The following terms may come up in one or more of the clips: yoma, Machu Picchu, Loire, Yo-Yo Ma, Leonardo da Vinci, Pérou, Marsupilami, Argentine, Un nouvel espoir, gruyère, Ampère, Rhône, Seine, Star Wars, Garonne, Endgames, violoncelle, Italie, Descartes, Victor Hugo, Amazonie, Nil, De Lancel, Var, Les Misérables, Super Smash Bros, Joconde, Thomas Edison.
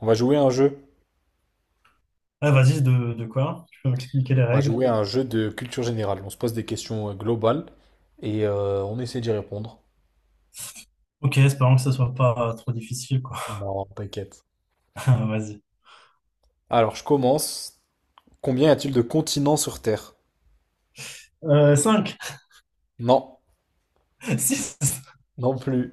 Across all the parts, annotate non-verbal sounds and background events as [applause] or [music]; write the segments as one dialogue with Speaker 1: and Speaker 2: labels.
Speaker 1: On va jouer à un jeu.
Speaker 2: Ouais, vas-y, de quoi? Tu peux m'expliquer les
Speaker 1: On va
Speaker 2: règles?
Speaker 1: jouer à un jeu de culture générale. On se pose des questions globales et on essaie d'y répondre.
Speaker 2: Ok, espérons que ce soit pas trop difficile, quoi.
Speaker 1: Non, t'inquiète.
Speaker 2: [laughs] Vas-y.
Speaker 1: Alors, je commence. Combien y a-t-il de continents sur Terre?
Speaker 2: 5,
Speaker 1: Non,
Speaker 2: 6.
Speaker 1: non plus.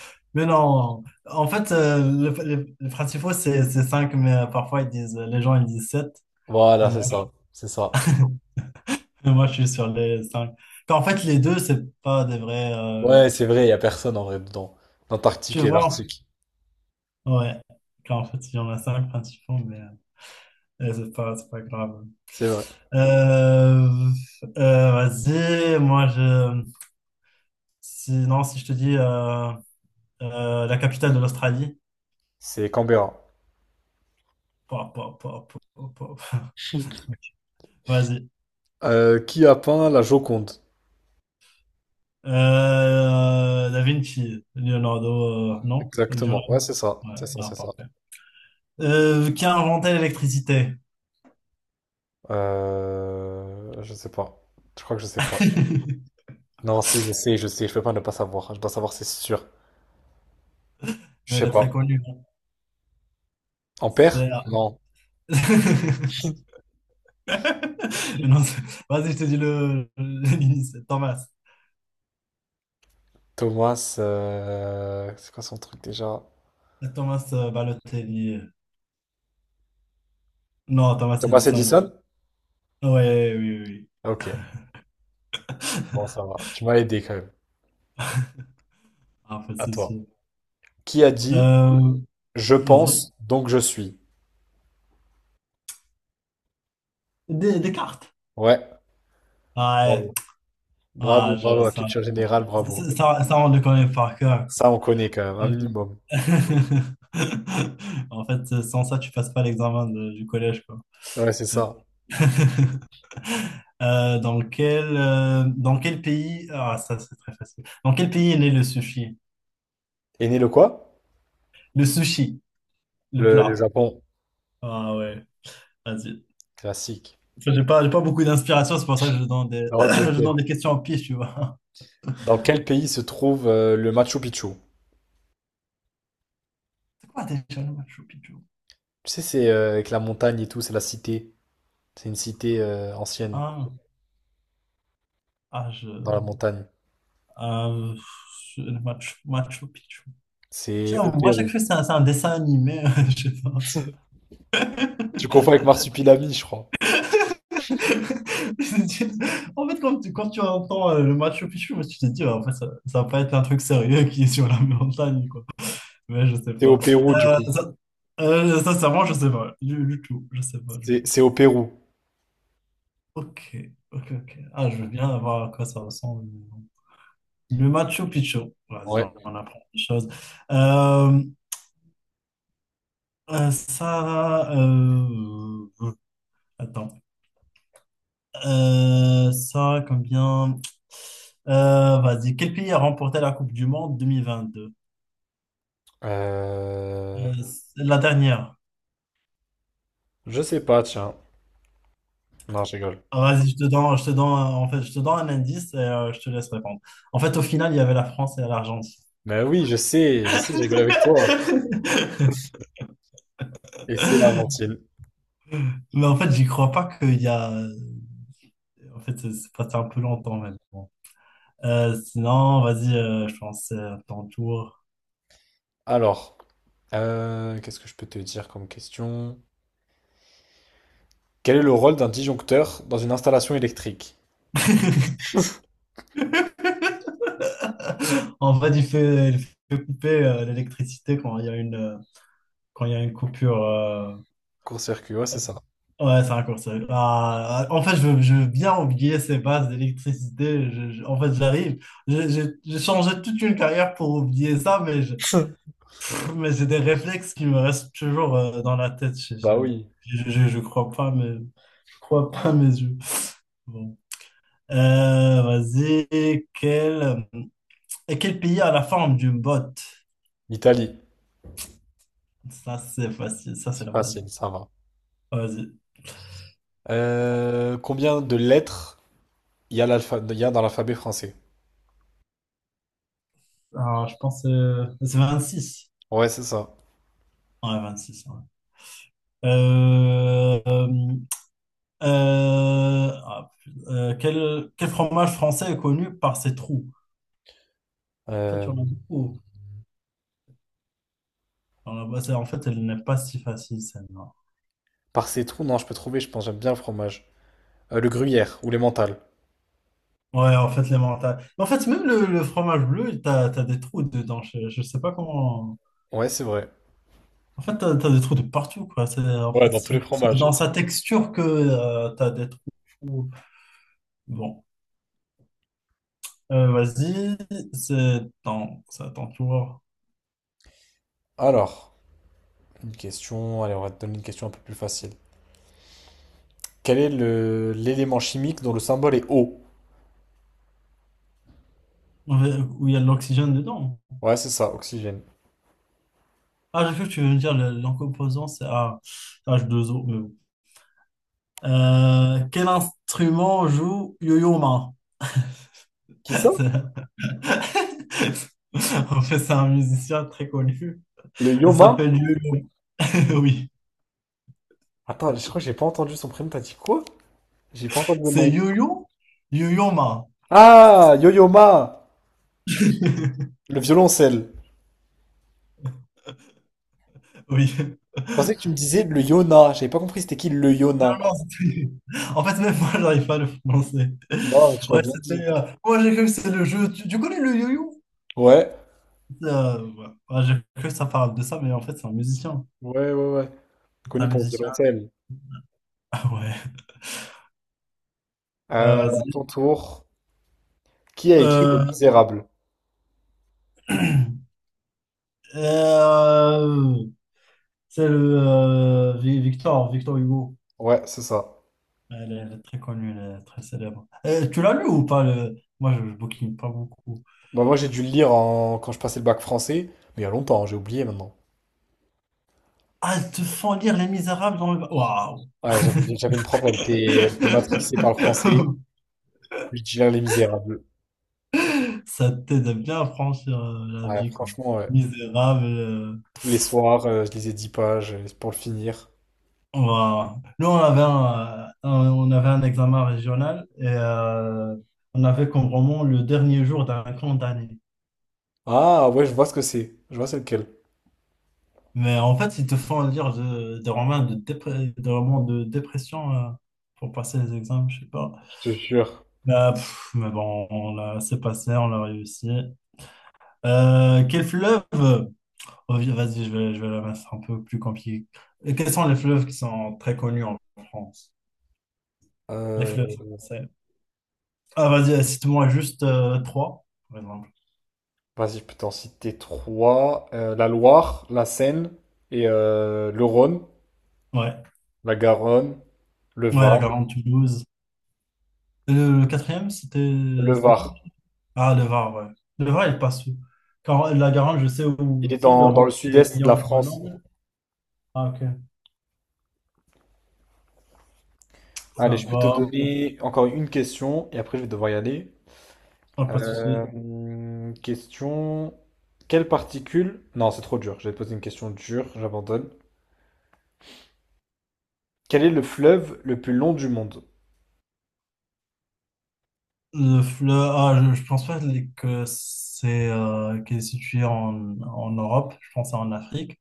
Speaker 2: [laughs] Mais non. En fait, les principaux, c'est 5 mais parfois, ils disent, les gens, ils disent sept. Mais
Speaker 1: Voilà,
Speaker 2: bon,
Speaker 1: c'est ça. C'est ça.
Speaker 2: [laughs] moi, je suis sur les 5. En fait, les deux, c'est pas des vrais.
Speaker 1: Ouais, c'est vrai, il n'y a personne en vrai dedans.
Speaker 2: Tu
Speaker 1: L'Antarctique et
Speaker 2: vois?
Speaker 1: l'Arctique.
Speaker 2: Ouais. Car en fait, il y en a 5 principaux, mais c'est pas grave.
Speaker 1: C'est vrai.
Speaker 2: Euh, vas-y, moi, je. Sinon, si je te dis. La capitale de l'Australie.
Speaker 1: C'est Canberra.
Speaker 2: Pa, pa, pa, pa, pa, pa. [laughs] Vas-y.
Speaker 1: Qui a peint la Joconde?
Speaker 2: Da Vinci, Leonardo, non?
Speaker 1: Exactement. Ouais,
Speaker 2: Leonardo.
Speaker 1: c'est ça.
Speaker 2: Ouais,
Speaker 1: C'est ça,
Speaker 2: non,
Speaker 1: c'est ça.
Speaker 2: parfait. Qui a inventé l'électricité?
Speaker 1: Je sais pas. Je crois que je sais pas.
Speaker 2: [laughs]
Speaker 1: Non, si, je sais, je sais, je peux pas ne pas savoir. Je dois savoir, c'est sûr. Je
Speaker 2: Mais
Speaker 1: sais
Speaker 2: elle est
Speaker 1: pas.
Speaker 2: très connue, hein.
Speaker 1: Ampère?
Speaker 2: C'est-
Speaker 1: Non.
Speaker 2: [laughs] Non, c'est- Vas-y, je te dis le, l'initiale. Thomas.
Speaker 1: Thomas, c'est quoi son truc déjà?
Speaker 2: Thomas Balotelli. Non, Thomas
Speaker 1: Thomas
Speaker 2: Edison.
Speaker 1: Edison?
Speaker 2: Ouais, oui,
Speaker 1: Ok,
Speaker 2: oui.
Speaker 1: bon,
Speaker 2: [laughs]
Speaker 1: ça va. Tu m'as aidé quand même.
Speaker 2: Ah, en fait
Speaker 1: À
Speaker 2: c'est
Speaker 1: toi.
Speaker 2: sûr.
Speaker 1: Qui a dit
Speaker 2: Euh,
Speaker 1: je
Speaker 2: Vas-y.
Speaker 1: pense, donc je suis?
Speaker 2: Descartes.
Speaker 1: Ouais,
Speaker 2: Ouais,
Speaker 1: bravo. Bravo,
Speaker 2: ouais, je,
Speaker 1: bravo, la culture générale, bravo.
Speaker 2: ça, ça- ça, on le connaît par cœur, quoi.
Speaker 1: Ça, on connaît quand même, un minimum.
Speaker 2: [laughs] En fait, sans ça, tu passes pas l'examen du collège, quoi.
Speaker 1: Ouais, c'est ça.
Speaker 2: [laughs] Ah, ça, c'est très facile. Dans quel pays est né le sushi?
Speaker 1: Et né le quoi?
Speaker 2: Le sushi, le
Speaker 1: Le
Speaker 2: plat.
Speaker 1: Japon.
Speaker 2: Ah ouais, vas-y.
Speaker 1: Classique.
Speaker 2: Enfin, j'ai pas, beaucoup d'inspiration, c'est pour ça que [coughs]
Speaker 1: Alors,
Speaker 2: [clears throat] je
Speaker 1: t'inquiète.
Speaker 2: donne des questions en pif, tu vois.
Speaker 1: Dans quel pays se trouve le Machu Picchu?
Speaker 2: [laughs] C'est quoi déjà le Machu Picchu?
Speaker 1: Tu sais, c'est avec la montagne et tout, c'est la cité. C'est une cité ancienne
Speaker 2: Ah, ah,
Speaker 1: dans la montagne.
Speaker 2: euh, le Machu Picchu.
Speaker 1: C'est au
Speaker 2: Genre, moi, à chaque
Speaker 1: Pérou.
Speaker 2: fois, c'est un dessin animé. [laughs] Je sais pas.
Speaker 1: Tu confonds
Speaker 2: [laughs]
Speaker 1: avec Marsupilami, je crois.
Speaker 2: Je me dis, en fait, quand tu, entends le Machu Picchu, moi, tu te dis, ouais, en fait, ça va pas être un truc sérieux qui est sur la [laughs] montagne, quoi. Mais je sais
Speaker 1: C'est
Speaker 2: pas.
Speaker 1: au Pérou, du coup.
Speaker 2: Ça, sincèrement, je sais pas. Du tout. Je sais pas du
Speaker 1: C'est
Speaker 2: tout.
Speaker 1: c'est au Pérou.
Speaker 2: Ok, ok, ok. Ah, je veux bien voir à quoi ça ressemble. Le Machu Picchu. Vas-y,
Speaker 1: Ouais.
Speaker 2: on apprend des choses. Euh, ça. Attends. Ça, combien? Vas-y, quel pays a remporté la Coupe du Monde 2022?
Speaker 1: Euh,
Speaker 2: C'est la dernière.
Speaker 1: Je sais pas, tiens. Non, je rigole.
Speaker 2: Ah, vas-y, en fait, je te donne un indice et je te laisse répondre. En fait, au final, il y avait la France et l'Argentine.
Speaker 1: Mais oui, je sais, je sais, je rigole avec toi.
Speaker 2: [laughs]
Speaker 1: Et c'est l'Argentine.
Speaker 2: Mais en fait, j'y crois pas qu'il y a. En fait, c'est passé un peu longtemps même. Bon. Sinon, vas-y, je pense ton tour.
Speaker 1: Alors, qu'est-ce que je peux te dire comme question? Quel est le rôle d'un disjoncteur dans une installation électrique?
Speaker 2: [laughs] En fait, il fait couper l'électricité quand il y a une. Quand il y a une coupure.
Speaker 1: Court-circuit, ouais, c'est ça.
Speaker 2: Ouais, c'est raccourci. Ah, en fait, je veux bien oublier ces bases d'électricité. En fait, j'arrive. J'ai changé toute une carrière pour oublier ça,
Speaker 1: [laughs]
Speaker 2: mais j'ai des réflexes qui me restent toujours dans la tête.
Speaker 1: Bah oui.
Speaker 2: Je crois pas, mais je crois pas à mes yeux. Bon. Vas-y. Quel pays a la forme d'une botte?
Speaker 1: L'Italie.
Speaker 2: Ça, c'est facile. Ça, c'est
Speaker 1: C'est
Speaker 2: la base.
Speaker 1: facile, ça va.
Speaker 2: Vas-y.
Speaker 1: Combien de lettres il y a dans l'alphabet français.
Speaker 2: Alors, je pense que c'est six.
Speaker 1: Ouais, c'est ça.
Speaker 2: Ouais, 26. Euh, euh, ah, quel fromage français est connu par ses trous? En fait, il y
Speaker 1: Euh,
Speaker 2: en a beaucoup. Alors là-bas, en fait, elle n'est pas si facile, celle-là.
Speaker 1: par ces trous, non, je peux trouver, je pense, j'aime bien le fromage. Le gruyère ou les mentales.
Speaker 2: Ouais, en fait, les mentales. Mais en fait, même le fromage bleu, t'as des trous dedans. Je sais pas comment.
Speaker 1: Ouais, c'est vrai.
Speaker 2: En fait, t'as des trous de partout, quoi. En
Speaker 1: Ouais,
Speaker 2: fait,
Speaker 1: dans tous
Speaker 2: c'est
Speaker 1: les
Speaker 2: c'est
Speaker 1: fromages.
Speaker 2: dans sa texture que t'as des trous. Bon. Vas-y. C'est dans. Attends, tu vois.
Speaker 1: Alors, une question, allez, on va te donner une question un peu plus facile. Quel est le l'élément chimique dont le symbole est O?
Speaker 2: Où il y a de l'oxygène dedans.
Speaker 1: Ouais, c'est ça, oxygène.
Speaker 2: Ah, j'ai cru que tu veux me dire en composant, c'est H2O mais bon. Quel instrument joue Yo-Yo Ma?
Speaker 1: Qui ça?
Speaker 2: [laughs] C'est- [laughs] En fait, c'est un musicien très connu.
Speaker 1: Le
Speaker 2: Il
Speaker 1: yoma?
Speaker 2: s'appelle Yo-Yo. [laughs] Oui.
Speaker 1: Attends, je crois que j'ai pas entendu son prénom, t'as dit quoi? J'ai pas entendu le
Speaker 2: C'est
Speaker 1: nom.
Speaker 2: Yo-Yo? Yo-Yo Ma.
Speaker 1: Ah, yo-yoma!
Speaker 2: [laughs]
Speaker 1: Le violoncelle.
Speaker 2: Oui.
Speaker 1: Je pensais que tu me disais le yona, j'avais pas compris c'était qui le
Speaker 2: Non,
Speaker 1: yona.
Speaker 2: non, [laughs] en fait, même moi, j'arrive pas à le prononcer.
Speaker 1: Non, mais tu l'as
Speaker 2: Ouais,
Speaker 1: bien
Speaker 2: c'était.
Speaker 1: dit.
Speaker 2: Moi, j'ai cru que c'est le jeu. Tu connais le yo-yo?
Speaker 1: Ouais,
Speaker 2: Ouais. Ouais, j'ai cru que ça parle de ça, mais en fait, c'est un musicien.
Speaker 1: ouais, ouais, ouais.
Speaker 2: C'est un
Speaker 1: Connu pour De
Speaker 2: musicien.
Speaker 1: Lancel.
Speaker 2: [laughs] Ouais. Ah,
Speaker 1: À
Speaker 2: vas-y.
Speaker 1: ton tour, qui a écrit Les
Speaker 2: Euh,
Speaker 1: Misérables?
Speaker 2: [clears throat] euh, c'est le Victor Hugo.
Speaker 1: Ouais, c'est ça.
Speaker 2: Elle est très connue, elle est très célèbre. Tu l'as lu ou pas, moi, je bouquine pas beaucoup.
Speaker 1: Bah, moi, j'ai dû le lire en… quand je passais le bac français, mais il y a longtemps, hein, j'ai oublié maintenant.
Speaker 2: Ah, elles te font lire Les Misérables dans Waouh!
Speaker 1: Ouais, j'avais une prof, elle était matrixée par le français,
Speaker 2: [laughs]
Speaker 1: puis je lire Les Misérables.
Speaker 2: Ça t'aide à bien à franchir la
Speaker 1: Ouais,
Speaker 2: vie, quoi.
Speaker 1: franchement, ouais.
Speaker 2: Misérable.
Speaker 1: Tous les soirs, je lisais 10 pages pour le finir.
Speaker 2: Nous, on avait on avait un examen régional et on avait comme roman le dernier jour d'un camp d'année.
Speaker 1: Ah, ouais, je vois ce que c'est. Je vois c'est lequel.
Speaker 2: Mais en fait, ils te font lire des romans des romans de dépression pour passer les examens, je sais pas.
Speaker 1: Je te jure.
Speaker 2: Bah, pff, mais bon, c'est passé, on l'a réussi. Quel fleuve? Oh, vas-y, je vais la mettre un peu plus compliquée. Et quels sont les fleuves qui sont très connus en France? Les fleuves
Speaker 1: Euh,
Speaker 2: français. Ah, vas-y, cite-moi juste trois.
Speaker 1: Vas-y, je peux t'en citer trois. La Loire, la Seine et le Rhône.
Speaker 2: Ouais,
Speaker 1: La Garonne, le
Speaker 2: ouais, la
Speaker 1: Var.
Speaker 2: Garante Toulouse. Et le quatrième,
Speaker 1: Le
Speaker 2: c'était quoi?
Speaker 1: Var.
Speaker 2: Ah, le VAR, ouais. Le VAR, il passe où? La Garante, je sais
Speaker 1: Il
Speaker 2: où
Speaker 1: est
Speaker 2: c'est, le
Speaker 1: dans, dans le
Speaker 2: rendez
Speaker 1: sud-est de la
Speaker 2: Lyon,
Speaker 1: France.
Speaker 2: Grenoble. Ah, ok.
Speaker 1: Allez,
Speaker 2: Ça
Speaker 1: je peux te
Speaker 2: va.
Speaker 1: donner encore une question et après je vais devoir y aller.
Speaker 2: Ah, pas de souci.
Speaker 1: Question. Quelle particule… Non, c'est trop dur. Je vais te poser une question dure, j'abandonne. Quel est le fleuve le plus long du monde?
Speaker 2: Le fleur, je pense pas que c'est qu'il est situé en Europe. Je pense que c'est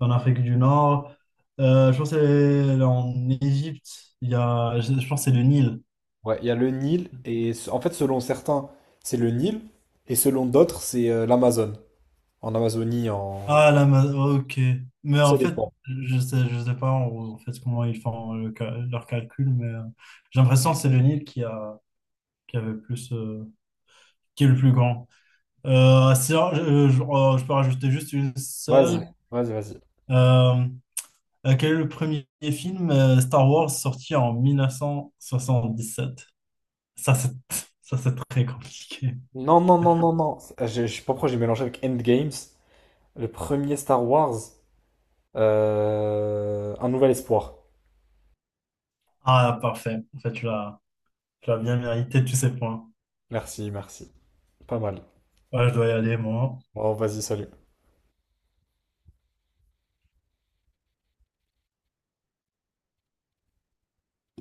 Speaker 2: en Afrique du Nord. Je pense que c'est en Égypte. Il y a, je pense que c'est le Nil.
Speaker 1: Ouais, il y a le Nil et se- en fait, selon certains, c'est le Nil et selon d'autres, c'est l'Amazone. En Amazonie, en…
Speaker 2: Ah, ok. Mais
Speaker 1: Ça
Speaker 2: en fait,
Speaker 1: dépend.
Speaker 2: je sais pas en fait comment ils font leur calcul, mais j'ai l'impression que c'est le Nil qui a, qui avait le plus, qui est le plus grand. Si, je peux rajouter juste une
Speaker 1: Vas-y,
Speaker 2: seule.
Speaker 1: ouais, vas-y, vas-y.
Speaker 2: Euh, Quel est le premier film Star Wars sorti en 1977. Ça, c'est, [laughs] ça, c'est très compliqué.
Speaker 1: Non, non, non, non, non. C'est… je sais pas pourquoi j'ai mélangé avec Endgames. Le premier Star Wars. Un nouvel espoir.
Speaker 2: Ah, parfait. En fait, tu l'as bien mérité, tous ces points.
Speaker 1: Merci, merci. Pas mal.
Speaker 2: Ouais, je dois y aller, moi.
Speaker 1: Bon, vas-y, salut.